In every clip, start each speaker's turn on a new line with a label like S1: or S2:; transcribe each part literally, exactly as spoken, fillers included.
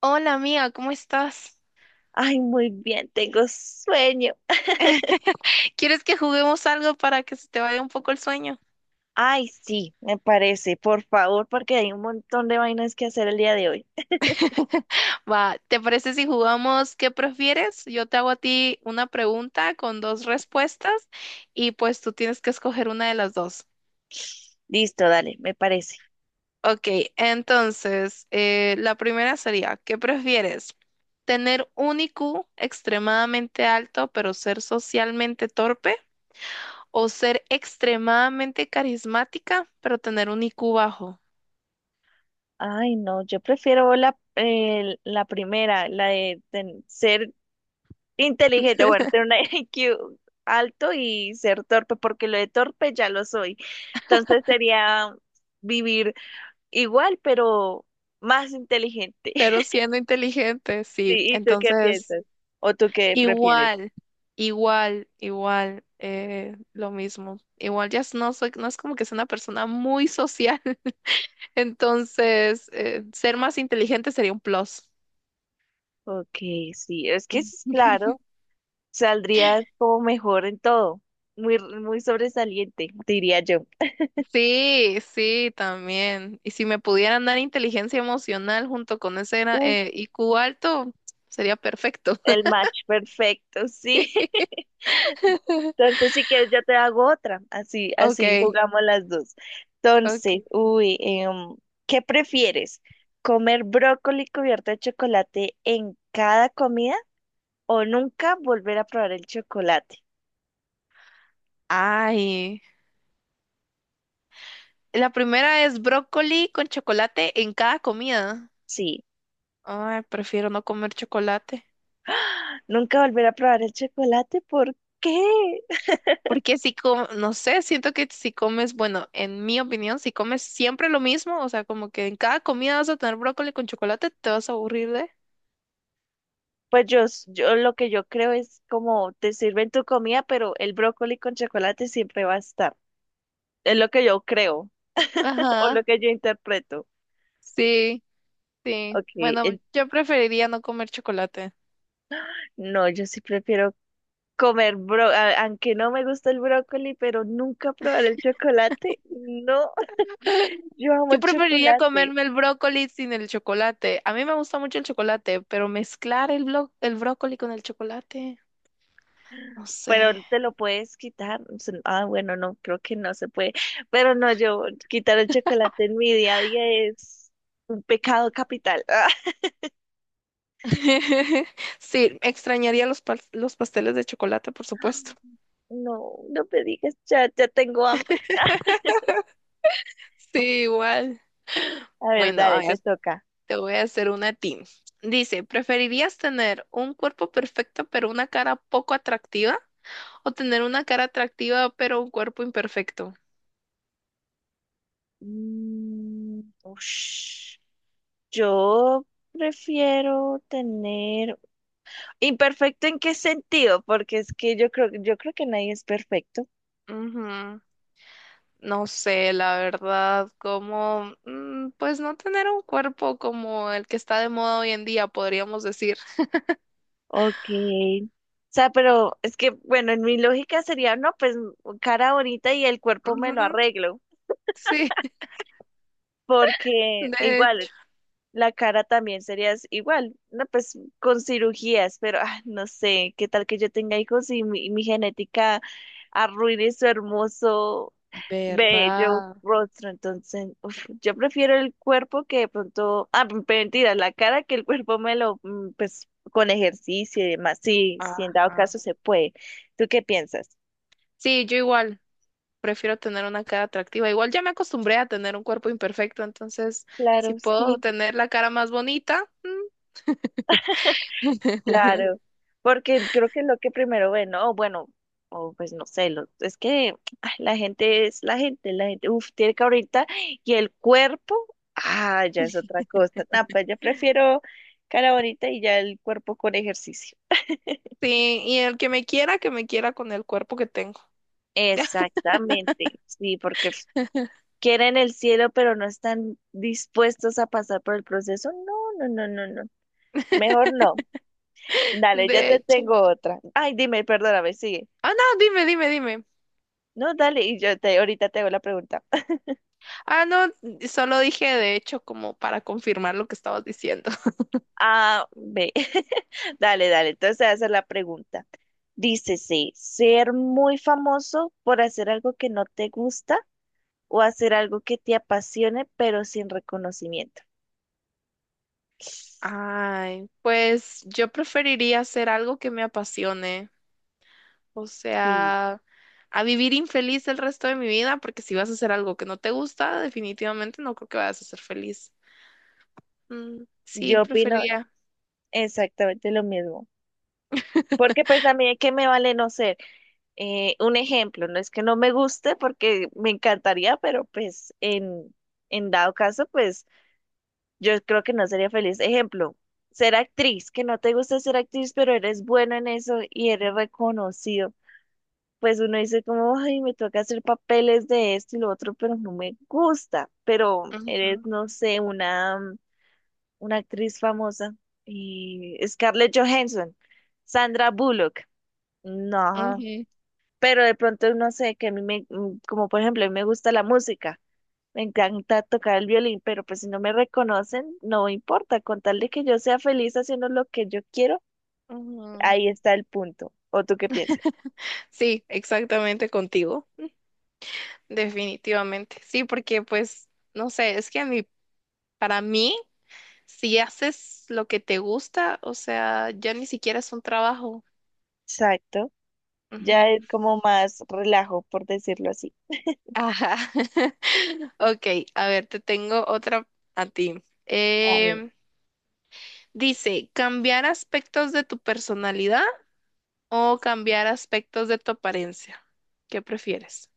S1: Hola amiga, ¿cómo estás?
S2: Ay, muy bien, tengo sueño.
S1: ¿Quieres que juguemos algo para que se te vaya un poco el sueño?
S2: Ay, sí, me parece, por favor, porque hay un montón de vainas que hacer el día de hoy.
S1: Va, ¿te parece si jugamos qué prefieres? Yo te hago a ti una pregunta con dos respuestas y pues tú tienes que escoger una de las dos.
S2: Listo, dale, me parece.
S1: Ok, entonces eh, la primera sería, ¿qué prefieres? ¿Tener un I Q extremadamente alto pero ser socialmente torpe o ser extremadamente carismática pero tener un I Q bajo?
S2: Ay, no, yo prefiero la, eh, la primera, la de, ten- ser inteligente, bueno, tener un I Q alto y ser torpe, porque lo de torpe ya lo soy. Entonces sería vivir igual, pero más inteligente.
S1: Pero siendo inteligente,
S2: Sí,
S1: sí.
S2: ¿y tú qué
S1: Entonces,
S2: piensas? ¿O tú qué prefieres?
S1: igual, igual, igual, eh, lo mismo. Igual ya no soy, no es como que sea una persona muy social, entonces eh, ser más inteligente sería un plus.
S2: Ok, sí, es que es claro, saldría como mejor en todo, muy, muy sobresaliente, diría yo.
S1: Sí, sí, también. Y si me pudieran dar inteligencia emocional junto con ese gran- eh,
S2: Uf,
S1: I Q alto, sería perfecto.
S2: el match perfecto, sí. Entonces, si quieres, yo te hago otra, así,
S1: Ok,
S2: así jugamos las dos. Entonces,
S1: ok.
S2: uy, em, ¿qué prefieres? ¿Comer brócoli cubierto de chocolate en cada comida o nunca volver a probar el chocolate?
S1: Ay. La primera es brócoli con chocolate en cada comida.
S2: Sí,
S1: Ay, prefiero no comer chocolate.
S2: nunca volver a probar el chocolate, ¿por qué?
S1: Porque si com- no sé, siento que si comes, bueno, en mi opinión, si comes siempre lo mismo, o sea, como que en cada comida vas a tener brócoli con chocolate, te vas a aburrir de.
S2: Pues yo, s- yo lo que yo creo es como te sirven tu comida, pero el brócoli con chocolate siempre va a estar. Es lo que yo creo, o
S1: Ajá,
S2: lo que yo interpreto.
S1: sí, sí.
S2: Ok,
S1: Bueno,
S2: en-
S1: yo preferiría no comer chocolate.
S2: no, yo sí prefiero comer bro, a- aunque no me gusta el brócoli, pero nunca probar el chocolate. No, yo amo
S1: Yo
S2: el
S1: preferiría
S2: chocolate,
S1: comerme el brócoli sin el chocolate. A mí me gusta mucho el chocolate, pero mezclar el blo- el brócoli con el chocolate, no
S2: pero
S1: sé.
S2: te lo puedes quitar. O sea, ah, bueno, no, creo que no se puede. Pero no, yo quitar el chocolate en mi día a día es un pecado capital.
S1: Sí, extrañaría los, pas- los pasteles de chocolate, por supuesto.
S2: No, no me digas, ya, ya tengo hambre.
S1: Sí, igual.
S2: A ver,
S1: Bueno, a
S2: dale, te
S1: ver,
S2: toca.
S1: te voy a hacer una a ti. Dice, ¿preferirías tener un cuerpo perfecto pero una cara poco atractiva? ¿O tener una cara atractiva pero un cuerpo imperfecto?
S2: Mm, ush. Yo prefiero tener imperfecto en qué sentido, porque es que yo creo, yo creo que nadie es perfecto.
S1: Ujú. No sé, la verdad, como, mm, pues no tener un cuerpo como el que está de moda hoy en día, podríamos decir.
S2: Ok. O sea, pero es que, bueno, en mi lógica sería, no, pues cara bonita y el cuerpo me
S1: Ujú.
S2: lo arreglo,
S1: Sí,
S2: porque
S1: de hecho.
S2: igual la cara también sería s- igual, no, pues con cirugías, pero ah, no sé, qué tal que yo tenga hijos y mi, mi genética arruine su hermoso, bello
S1: ¿Verdad?
S2: rostro. Entonces, uf, yo prefiero el cuerpo que de pronto, ah, m- mentira, la cara, que el cuerpo me lo, mm, pues con ejercicio y demás, sí, si en dado
S1: Ajá.
S2: caso se puede. ¿Tú qué piensas?
S1: Sí, yo igual prefiero tener una cara atractiva. Igual ya me acostumbré a tener un cuerpo imperfecto, entonces si
S2: Claro,
S1: puedo
S2: sí.
S1: tener la cara más bonita,
S2: Claro, porque creo que es lo que primero ven, ¿no? O bueno, o pues no sé, lo- es que ay, la gente es la gente, la gente, uf, tiene que ahorita, y el cuerpo, ah, ya es otra cosa. No, pues yo prefiero cara bonita y ya el cuerpo con ejercicio.
S1: sí, y el que me quiera, que me quiera con el cuerpo que tengo.
S2: Exactamente, sí, porque f- quieren el cielo, pero no están dispuestos a pasar por el proceso. No, no, no, no, no, mejor no. Dale, yo
S1: De
S2: te
S1: hecho.
S2: tengo otra. Ay, dime, perdóname, sigue.
S1: Ah, no, dime, dime, dime.
S2: No, dale, y yo te, ahorita te hago la pregunta.
S1: Ah, no, solo dije de hecho como para confirmar lo que estabas diciendo.
S2: Ah, ve. Dale, dale, entonces te voy a hacer la pregunta. Dícese, ser muy famoso por hacer algo que no te gusta o hacer algo que te apasione pero sin reconocimiento.
S1: Ay, pues yo preferiría hacer algo que me apasione. O
S2: Sí,
S1: sea, a vivir infeliz el resto de mi vida, porque si vas a hacer algo que no te gusta, definitivamente no creo que vayas a ser feliz. Mm, sí,
S2: yo opino
S1: preferiría.
S2: exactamente lo mismo. Porque pues también que me vale no ser eh, un ejemplo, no es que no me guste porque me encantaría, pero pues en, en dado caso, pues yo creo que no sería feliz. Ejemplo, ser actriz, que no te gusta ser actriz, pero eres bueno en eso y eres reconocido. Pues uno dice como, ay, me toca hacer papeles de esto y lo otro, pero no me gusta. Pero eres,
S1: Ujú,
S2: no sé, una, una, actriz famosa. Y Scarlett Johansson, Sandra Bullock. No,
S1: ujú,
S2: pero de pronto no sé, que a mí me, mm, como por ejemplo, a mí me gusta la música. Me encanta tocar el violín, pero pues si no me reconocen, no importa. Con tal de que yo sea feliz haciendo lo que yo quiero,
S1: ujú.
S2: ahí está el punto. ¿O tú qué piensas?
S1: Sí, exactamente contigo. Definitivamente. Sí, porque pues, no sé, es que a mí, para mí, si haces lo que te gusta, o sea, ya ni siquiera es un trabajo.
S2: Exacto. Ya
S1: Ujú.
S2: es como más relajo, por decirlo así.
S1: Ajá. Ok, a ver, te tengo otra a ti.
S2: A ver,
S1: Em, Dice, cambiar aspectos de tu personalidad o cambiar aspectos de tu apariencia. ¿Qué prefieres?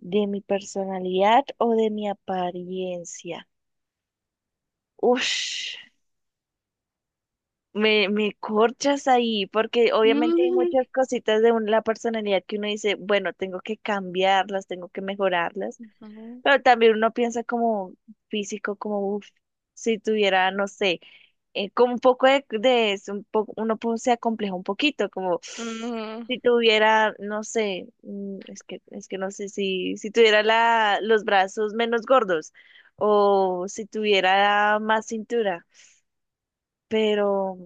S2: de mi personalidad o de mi apariencia. Ush, me, me corchas ahí, porque obviamente hay
S1: Mm,
S2: muchas cositas de un- la personalidad que uno dice, bueno, tengo que cambiarlas, tengo que mejorarlas.
S1: ujú,
S2: Pero también uno piensa como físico, como uf, si tuviera, no sé, eh, como un poco de, de es un poco, uno po- se acompleja un poquito, como
S1: ujú,
S2: si tuviera, no sé, mm, es que, es que no sé si, si tuviera la, los brazos menos gordos o si tuviera más cintura, pero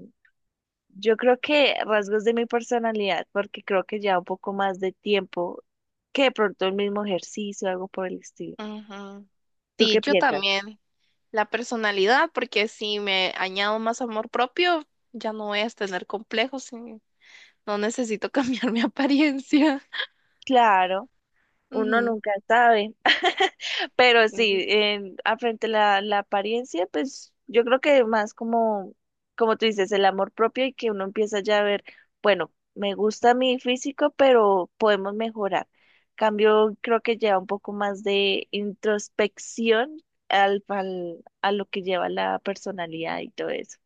S2: yo creo que rasgos de mi personalidad, porque creo que ya un poco más de tiempo que de pronto el mismo ejercicio, algo por el estilo.
S1: ujú.
S2: ¿Tú qué
S1: Sí, yo
S2: piensas?
S1: también. La personalidad, porque si me añado más amor propio, ya no voy a tener complejos y no necesito cambiar mi apariencia.
S2: Claro, uno
S1: Ujú.
S2: nunca sabe, pero
S1: Mm,
S2: sí, en, a frente a la, la apariencia, pues yo creo que más como, como tú dices, el amor propio y que uno empieza ya a ver, bueno, me gusta mi físico, pero podemos mejorar. Cambio, creo que lleva un poco más de introspección al, al- a lo que lleva la personalidad y todo eso.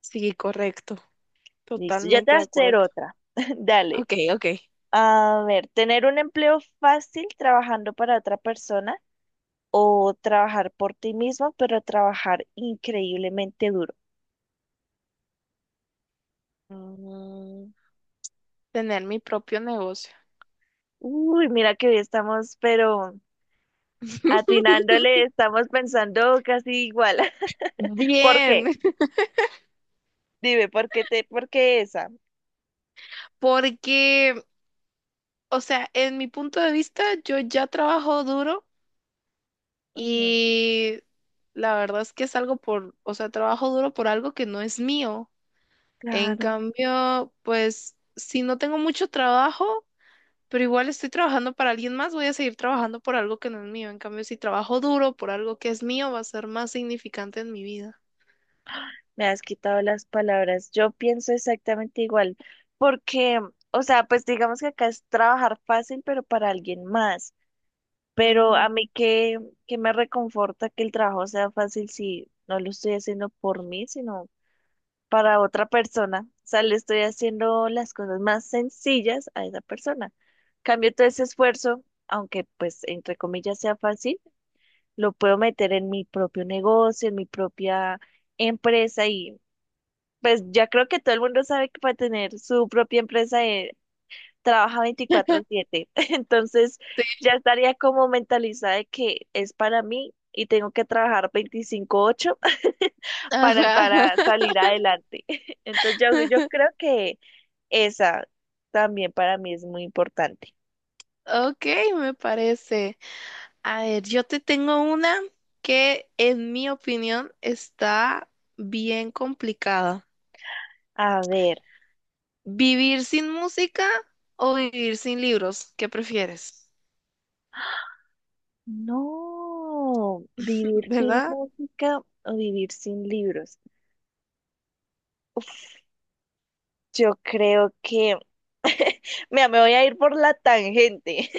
S1: sí, correcto.
S2: Listo, ya te
S1: Totalmente
S2: voy
S1: de
S2: a hacer
S1: acuerdo.
S2: otra. Dale.
S1: Ok, ok.
S2: A ver, tener un empleo fácil trabajando para otra persona o trabajar por ti mismo, pero trabajar increíblemente duro.
S1: Mm, tener mi propio negocio.
S2: Uy, mira que hoy estamos, pero atinándole, estamos pensando casi igual. ¿Por
S1: Bien.
S2: qué? Dime, ¿por qué te, por qué esa?
S1: Porque, o sea, en mi punto de vista, yo ya trabajo duro
S2: Ujú,
S1: y la verdad es que es algo por, o sea, trabajo duro por algo que no es mío. En
S2: claro,
S1: cambio, pues, si no tengo mucho trabajo, pero igual estoy trabajando para alguien más, voy a seguir trabajando por algo que no es mío. En cambio, si trabajo duro por algo que es mío, va a ser más significante en mi vida.
S2: me has quitado las palabras. Yo pienso exactamente igual, porque, o sea, pues digamos que acá es trabajar fácil, pero para alguien más. Pero
S1: Ujú.
S2: a mí que, que me reconforta que el trabajo sea fácil si no lo estoy haciendo por mí, sino para otra persona. O sea, le estoy haciendo las cosas más sencillas a esa persona. Cambio todo ese esfuerzo, aunque pues entre comillas sea fácil, lo puedo meter en mi propio negocio, en mi propia empresa y pues ya creo que todo el mundo sabe que para tener su propia empresa eh, trabaja veinticuatro siete. Entonces
S1: Sí,
S2: ya estaría como mentalizada de que es para mí y tengo que trabajar veinticinco ocho. para,
S1: ajá.
S2: para salir adelante. Entonces yo, yo creo que esa también para mí es muy importante.
S1: Ok, me parece. A ver, yo te tengo una que en mi opinión está bien complicada.
S2: A ver,
S1: ¿Vivir sin música o vivir sin libros? ¿Qué prefieres?
S2: no, vivir sin
S1: ¿Verdad?
S2: música o vivir sin libros. Uf, yo creo que, mira, me voy a ir por la tangente.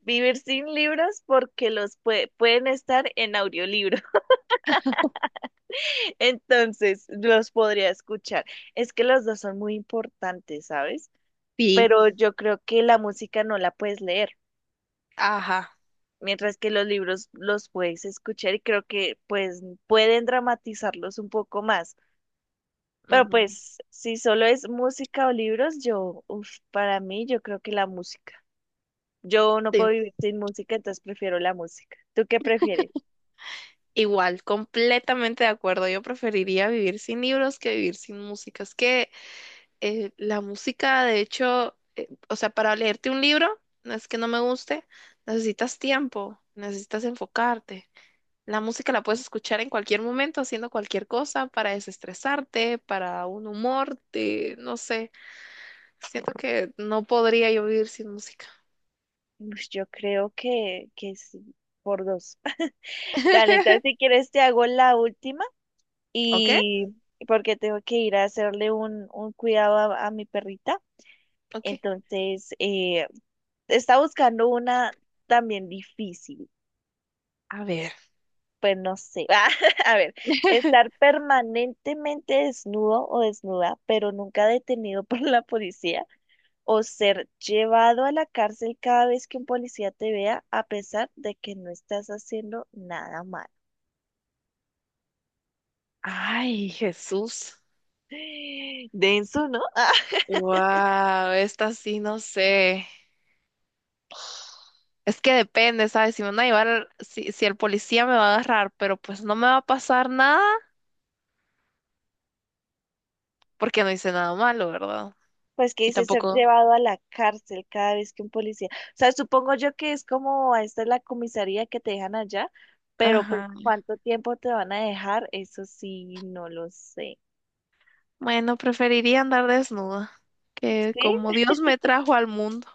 S2: Vivir sin libros porque los pue- pueden estar en audiolibro. Entonces, los podría escuchar. Es que los dos son muy importantes, ¿sabes?
S1: Sí,
S2: Pero yo creo que la música no la puedes leer,
S1: ajá.
S2: mientras que los libros los puedes escuchar y creo que pues pueden dramatizarlos un poco más. Pero
S1: Ujú,
S2: pues si solo es música o libros, yo, uf, para mí yo creo que la música. Yo no
S1: sí,
S2: puedo vivir sin música, entonces prefiero la música. ¿Tú qué prefieres?
S1: igual, completamente de acuerdo. Yo preferiría vivir sin libros que vivir sin música. Es que eh, la música, de hecho, eh, o sea, para leerte un libro, no es que no me guste, necesitas tiempo, necesitas enfocarte. La música la puedes escuchar en cualquier momento, haciendo cualquier cosa, para desestresarte, para un humor, de, no sé. Siento que no podría yo vivir sin música.
S2: Ush, yo creo que, que sí, por dos. Dale, entonces si quieres te hago la última
S1: ¿Ok?
S2: y porque tengo que ir a hacerle un, un cuidado a, a mi perrita.
S1: Ok.
S2: Entonces, eh, está buscando una también difícil.
S1: A ver.
S2: Pues no sé. A ver, ¿estar permanentemente desnudo o desnuda, pero nunca detenido por la policía, o ser llevado a la cárcel cada vez que un policía te vea a pesar de que no estás haciendo nada malo?
S1: Ay, Jesús.
S2: Denso, ¿no?
S1: Wow, esta sí no sé. Es que depende, ¿sabes? Si me van a llevar, si, si el policía me va a agarrar, pero pues no me va a pasar nada porque no hice nada malo, ¿verdad?
S2: Ah, pues que
S1: Y
S2: dice ser
S1: tampoco.
S2: llevado a la cárcel cada vez que un policía. O sea, supongo yo que es como esta es la comisaría que te dejan allá, pero pues
S1: Ajá.
S2: cuánto tiempo te van a dejar, eso sí, no lo sé.
S1: Bueno, preferiría andar desnuda, que
S2: Sí,
S1: como Dios me trajo al mundo,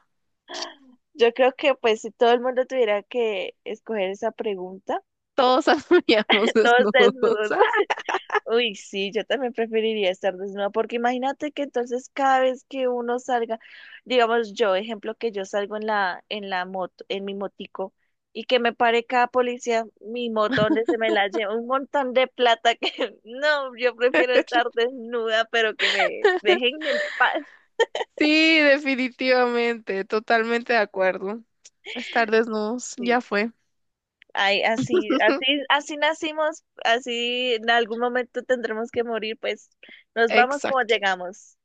S2: yo creo que pues si todo el mundo tuviera que escoger esa pregunta,
S1: todos andaríamos
S2: todos
S1: desnudos.
S2: desnudos. Uy, sí, yo también preferiría estar desnuda, porque imagínate que entonces cada vez que uno salga, digamos yo, ejemplo que yo salgo en la, en la moto, en mi motico, y que me pare cada policía, mi moto donde se me la lleva, un montón de plata que, no, yo prefiero estar desnuda, pero que me dejen en paz.
S1: Sí, definitivamente, totalmente de acuerdo. Estar desnudos,
S2: Sí.
S1: ya fue.
S2: Ay, así, así, así nacimos, así en algún momento tendremos que morir, pues nos vamos como
S1: Exacto.
S2: llegamos.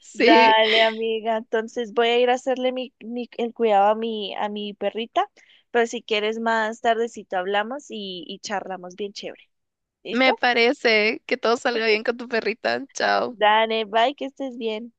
S1: Sí,
S2: Dale, amiga. Entonces voy a ir a hacerle mi, mi- el cuidado a mi, a mi perrita, pero si quieres más tardecito hablamos y, y charlamos bien chévere.
S1: me
S2: ¿Listo?
S1: parece que todo salga bien con tu perrita. Chao.
S2: Dale, bye, que estés bien.